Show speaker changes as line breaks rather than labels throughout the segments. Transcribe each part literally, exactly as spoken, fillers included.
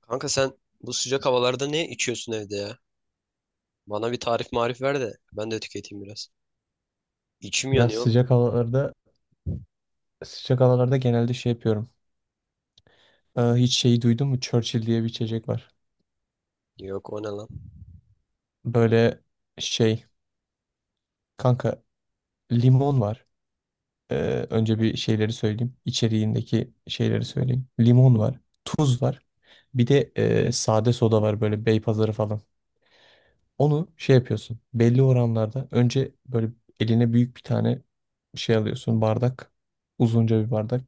Kanka sen bu sıcak havalarda ne içiyorsun evde ya? Bana bir tarif marif ver de ben de tüketeyim biraz. İçim
Ya
yanıyor oğlum.
sıcak havalarda sıcak havalarda genelde şey yapıyorum. Ee, hiç şeyi duydun mu? Churchill diye bir içecek var.
Yok o ne lan?
Böyle şey kanka limon var. Ee, önce bir şeyleri söyleyeyim. İçeriğindeki şeyleri söyleyeyim. Limon var. Tuz var. Bir de e, sade soda var böyle Beypazarı falan. Onu şey yapıyorsun. Belli oranlarda önce böyle eline büyük bir tane şey alıyorsun. Bardak. Uzunca bir bardak.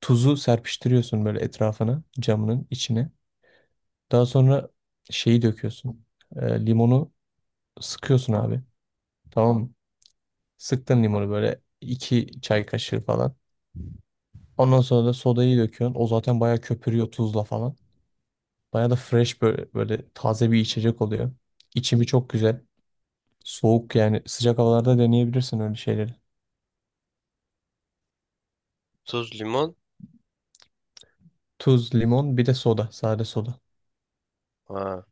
Tuzu serpiştiriyorsun böyle etrafına camının içine. Daha sonra şeyi döküyorsun. E, limonu sıkıyorsun abi. Tamam mı? Sıktın limonu böyle iki çay kaşığı falan. Ondan sonra da sodayı döküyorsun. O zaten bayağı köpürüyor tuzla falan. Bayağı da fresh böyle, böyle taze bir içecek oluyor. İçimi çok güzel. Soğuk yani sıcak havalarda deneyebilirsin öyle şeyleri.
Tuz, limon.
Tuz, limon bir de soda. Sade soda.
Ha,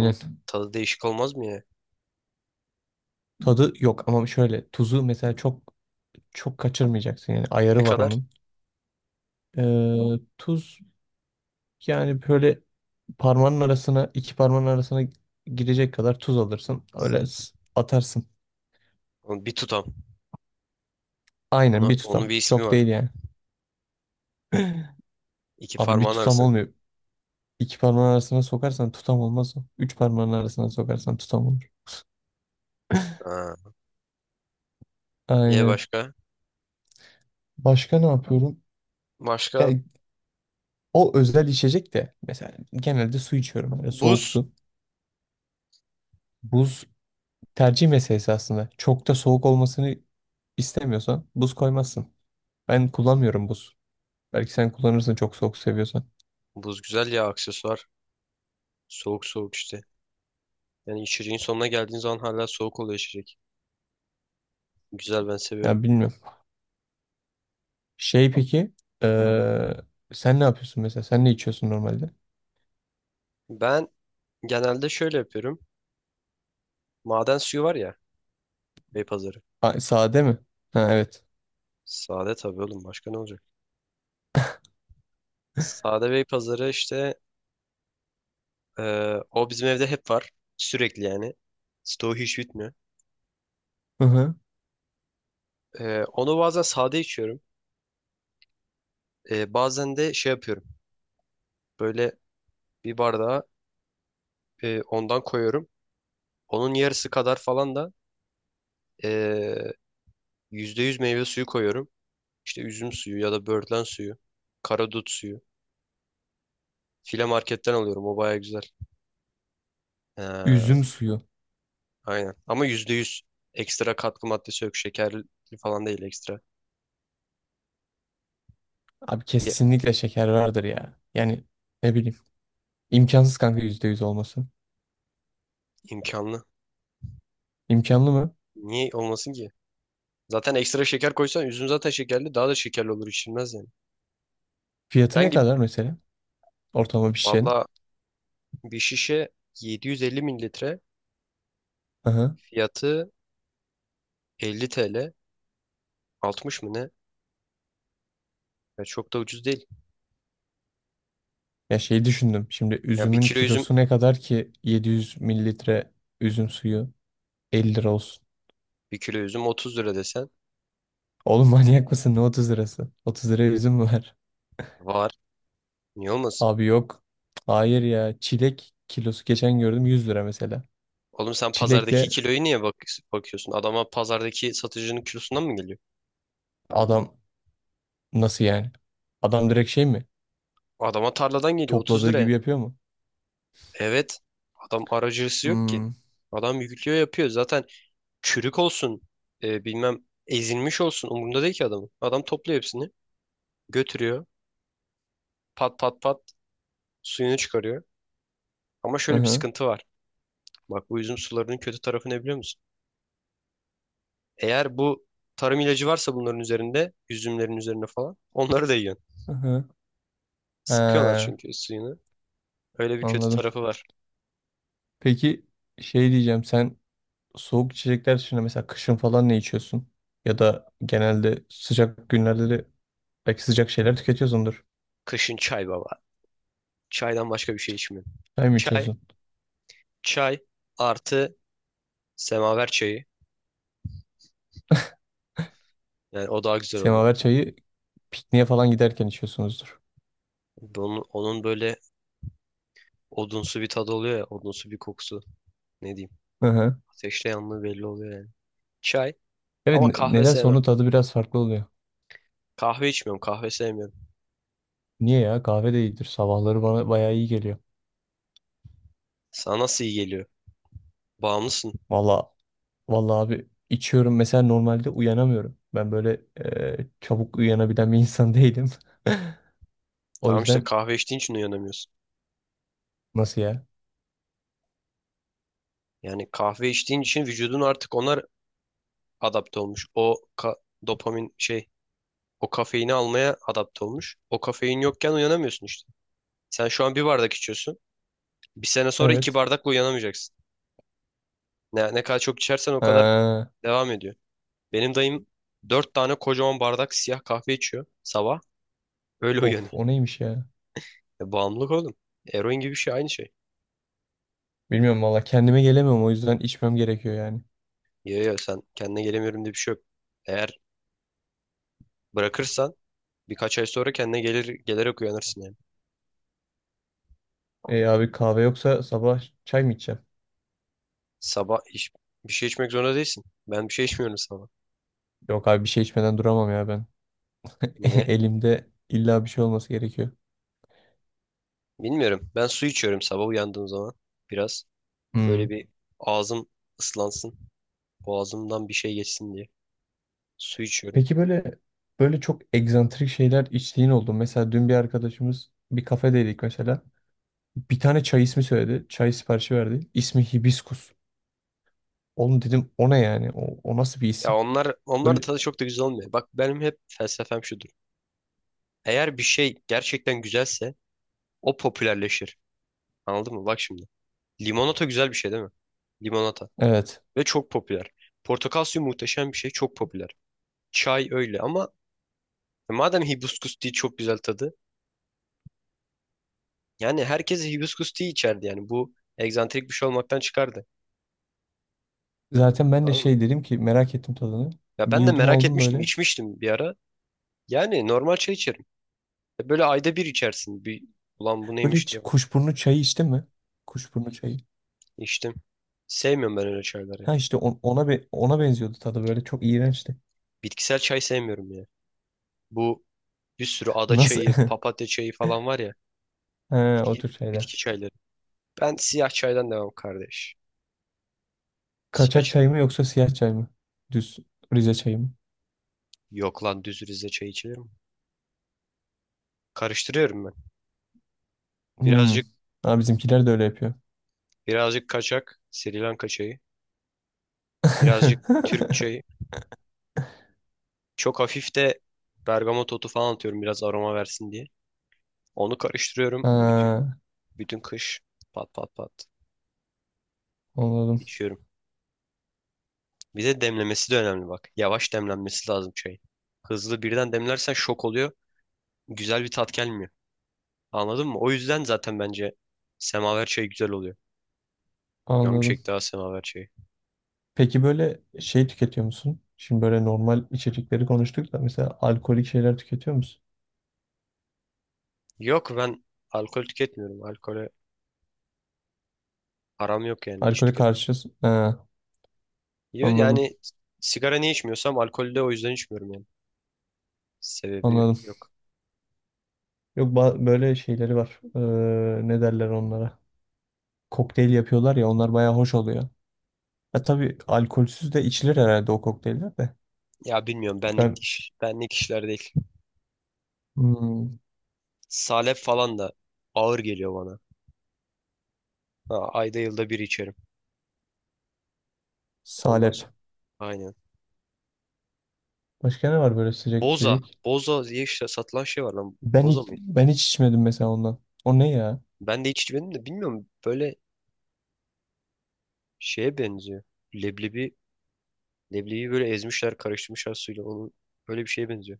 bunun tadı değişik olmaz mı ya?
Tadı yok ama şöyle tuzu mesela çok çok kaçırmayacaksın yani
Ne
ayarı var
kadar?
onun. Ee, tuz yani böyle parmağının arasına iki parmağın arasına girecek kadar tuz alırsın. Öyle s- atarsın.
Onu bir tutam.
Aynen
Ona
bir
onun bir
tutam.
ismi
Çok
var.
değil yani.
İki
Abi bir
parmağın
tutam
arasına kadar.
olmuyor. İki parmağın arasına sokarsan tutam olmaz o. Üç parmağın arasına sokarsan tutam olur.
Ha. Ye
Aynen.
başka?
Başka ne yapıyorum?
Başka
Yani o özel içecek de mesela genelde su içiyorum. Böyle soğuk
buz.
su. Buz tercih meselesi aslında. Çok da soğuk olmasını istemiyorsan buz koymazsın. Ben kullanmıyorum buz. Belki sen kullanırsın çok soğuk seviyorsan.
Buz güzel ya, aksesuar. Soğuk soğuk işte. Yani içeceğin sonuna geldiğin zaman hala soğuk oluyor içecek. Güzel, ben seviyorum.
Ya bilmiyorum. Şey peki eee, sen ne yapıyorsun mesela? Sen ne içiyorsun normalde?
Ben genelde şöyle yapıyorum. Maden suyu var ya. Beypazarı.
Ha, sade mi? Ha, evet.
Sade tabii oğlum, başka ne olacak? Sade Bey pazarı işte, e, o bizim evde hep var. Sürekli yani. Stoğu hiç bitmiyor.
Hı hı.
E, onu bazen sade içiyorum. E, bazen de şey yapıyorum. Böyle bir bardağa e, ondan koyuyorum. Onun yarısı kadar falan da e, yüzde yüz meyve suyu koyuyorum. İşte üzüm suyu ya da böğürtlen suyu. Karadut suyu. File marketten alıyorum. O baya güzel. E,
Üzüm suyu.
aynen. Ama yüzde yüz ekstra katkı maddesi yok. Şekerli falan değil ekstra.
Abi kesinlikle şeker vardır ya. Yani ne bileyim. İmkansız kanka yüzde yüz olması.
İmkanlı.
İmkanlı mı?
Niye olmasın ki? Zaten ekstra şeker koysan üzüm zaten şekerli, daha da şekerli olur, içilmez yani.
Fiyatı ne
Herhangi
kadar mesela? Ortalama bir şişenin.
Valla bir şişe yedi yüz elli mililitre
Hı hı.
fiyatı elli T L, altmış mı ne? Ya çok da ucuz değil.
Ya şey düşündüm. Şimdi
Ya bir
üzümün
kilo üzüm
kilosu ne kadar ki 700 mililitre üzüm suyu 50 lira olsun.
bir kilo üzüm otuz lira desen
Oğlum manyak mısın? Ne otuz lirası? otuz liraya üzüm mü var?
var. Niye olmasın?
Abi yok. Hayır ya. Çilek kilosu geçen gördüm 100 lira mesela.
Oğlum sen pazardaki
Çilekle
kiloyu niye bak bakıyorsun? Adama pazardaki satıcının kilosundan mı geliyor?
adam nasıl yani? Adam direkt şey mi?
Adama tarladan geliyor otuz
Topladığı
liraya.
gibi yapıyor mu?
Evet. Adam aracısı yok ki.
Hmm.
Adam yüklüyor yapıyor. Zaten çürük olsun, e, bilmem ezilmiş olsun, umurunda değil ki adamın. Adam topluyor hepsini, götürüyor, pat pat pat, suyunu çıkarıyor. Ama
Hı
şöyle bir
hı.
sıkıntı var. Bak, bu üzüm sularının kötü tarafı ne biliyor musun? Eğer bu tarım ilacı varsa bunların üzerinde, üzümlerin üzerine falan, onları da yiyorsun.
Hı hı.
Sıkıyorlar
Ha,
çünkü suyunu. Öyle bir kötü
anladım.
tarafı var.
Peki şey diyeceğim sen soğuk içecekler dışında mesela kışın falan ne içiyorsun? Ya da genelde sıcak günlerde de belki sıcak şeyler tüketiyorsundur.
Kışın çay baba. Çaydan başka bir şey içmiyorum.
Çay mı
Çay,
içiyorsun?
çay artı semaver çayı. Yani o daha güzel oluyor.
Semaver çayı pikniğe falan giderken içiyorsunuzdur.
Onun, onun böyle odunsu bir tadı oluyor ya, odunsu bir kokusu. Ne diyeyim.
Hı hı.
Ateşle yanlığı belli oluyor yani. Çay.
Evet,
Ama
ne-
kahve
nedense
sevmem.
onun tadı biraz farklı oluyor.
Kahve içmiyorum. Kahve sevmiyorum.
Niye ya? Kahve de iyidir. Sabahları bana bayağı iyi geliyor.
Sana nasıl iyi geliyor? Bağımlısın.
Valla valla abi içiyorum. Mesela normalde uyanamıyorum. Ben böyle e, çabuk uyanabilen bir insan değilim. O
Tamam işte,
yüzden
kahve içtiğin için uyanamıyorsun.
nasıl ya?
Yani kahve içtiğin için vücudun artık onlar adapte olmuş. O ka- dopamin şey, o kafeini almaya adapte olmuş. O kafein yokken uyanamıyorsun işte. Sen şu an bir bardak içiyorsun. Bir sene sonra iki
Evet.
bardakla uyanamayacaksın. Ne, ne kadar çok içersen o kadar
Ha,
devam ediyor. Benim dayım dört tane kocaman bardak siyah kahve içiyor sabah. Öyle
of,
uyanıyor.
o neymiş ya?
E, bağımlılık oğlum. Eroin gibi bir şey, aynı şey.
Bilmiyorum valla kendime gelemiyorum o yüzden içmem gerekiyor yani.
Ya ya sen kendine gelemiyorum diye bir şey yok. Eğer bırakırsan birkaç ay sonra kendine gelir gelerek uyanırsın yani.
E abi kahve yoksa sabah çay mı içeceğim?
Sabah iç- Bir şey içmek zorunda değilsin. Ben bir şey içmiyorum sabah.
Yok abi bir şey içmeden duramam ya ben.
Niye?
Elimde illa bir şey olması gerekiyor.
Bilmiyorum. Ben su içiyorum sabah uyandığım zaman. Biraz böyle
Hmm.
bir ağzım ıslansın. Boğazımdan bir şey geçsin diye. Su içiyorum.
Peki böyle böyle çok egzantrik şeyler içtiğin oldu mu? Mesela dün bir arkadaşımız bir kafedeydik mesela. Bir tane çay ismi söyledi. Çay siparişi verdi. İsmi Hibiskus. Oğlum dedim o ne yani? O, o nasıl bir
Ya
isim?
onlar onlar da
Böyle
tadı çok da güzel olmuyor. Bak, benim hep felsefem şudur. Eğer bir şey gerçekten güzelse o popülerleşir. Anladın mı? Bak şimdi. Limonata güzel bir şey değil mi? Limonata.
evet.
Ve çok popüler. Portakal suyu muhteşem bir şey. Çok popüler. Çay öyle ama e, madem hibiskus tea çok güzel tadı. Yani herkes hibiskus tea içerdi yani. Bu egzantrik bir şey olmaktan çıkardı.
Zaten ben de
Anladın mı?
şey dedim ki merak ettim tadını.
Ya
Bir
ben de
yudum
merak
aldım
etmiştim,
böyle.
içmiştim bir ara. Yani normal çay içerim. E Böyle ayda bir içersin. Bir, ulan bu
Böyle
neymiş
hiç
diye bak.
kuşburnu çayı içtin mi? Kuşburnu çayı.
İçtim. Sevmiyorum ben öyle çayları.
Ha işte on- ona be- ona benziyordu tadı böyle çok iğrençti.
Bitkisel çay sevmiyorum ya. Bu bir sürü ada
Nasıl?
çayı, papatya çayı falan var ya.
He, o
Bitki,
tür
bitki
şeyler.
çayları. Ben siyah çaydan devam kardeş. Siyah
Kaçak
çay.
çay mı yoksa siyah çay mı? Düz Rize çayı mı?
Yok lan, düz Rize çayı içilir mi? Karıştırıyorum ben.
Hmm.
Birazcık
Ha, bizimkiler de öyle yapıyor.
birazcık kaçak Sri Lanka çayı. Birazcık Türk çayı. Çok hafif de bergamot otu falan atıyorum biraz aroma versin diye. Onu karıştırıyorum bütün
Ha,
bütün kış, pat pat pat,
anladım.
içiyorum. Bir de demlemesi de önemli bak. Yavaş demlenmesi lazım çayın. Hızlı birden demlersen şok oluyor. Güzel bir tat gelmiyor. Anladın mı? O yüzden zaten bence semaver çayı güzel oluyor. Canım
Anladım.
çekti ha semaver çayı.
Peki böyle şey tüketiyor musun? Şimdi böyle normal içecekleri konuştuk da mesela alkolik şeyler tüketiyor musun?
Yok, ben alkol tüketmiyorum. Alkole aram yok yani, hiç
Alkole
tüketmem.
karşı ha,
Yo.
anladım.
Yani sigara niye içmiyorsam alkolü de o yüzden içmiyorum yani. Sebebi
Anladım.
yok.
Yok ba- böyle şeyleri var. Ee, ne derler onlara? Kokteyl yapıyorlar ya onlar baya hoş oluyor. Ya tabii alkolsüz de içilir herhalde o kokteyller de.
Ya bilmiyorum, benlik
Ben
iş, benlik işler değil.
hmm,
Salep falan da ağır geliyor bana. Ha, ayda yılda bir içerim. Ondan
salep.
sonra. Aynen.
Başka ne var böyle sıcak
Boza.
içecek?
Boza diye işte satılan şey var lan.
Ben
Boza
hiç,
mıydı?
ben hiç içmedim mesela ondan. O ne ya?
Ben de hiç içmedim de bilmiyorum. Böyle şeye benziyor. Leblebi, leblebi böyle ezmişler, karıştırmışlar suyla. Onun böyle bir şeye benziyor.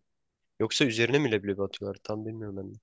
Yoksa üzerine mi leblebi atıyorlar? Tam bilmiyorum ben de.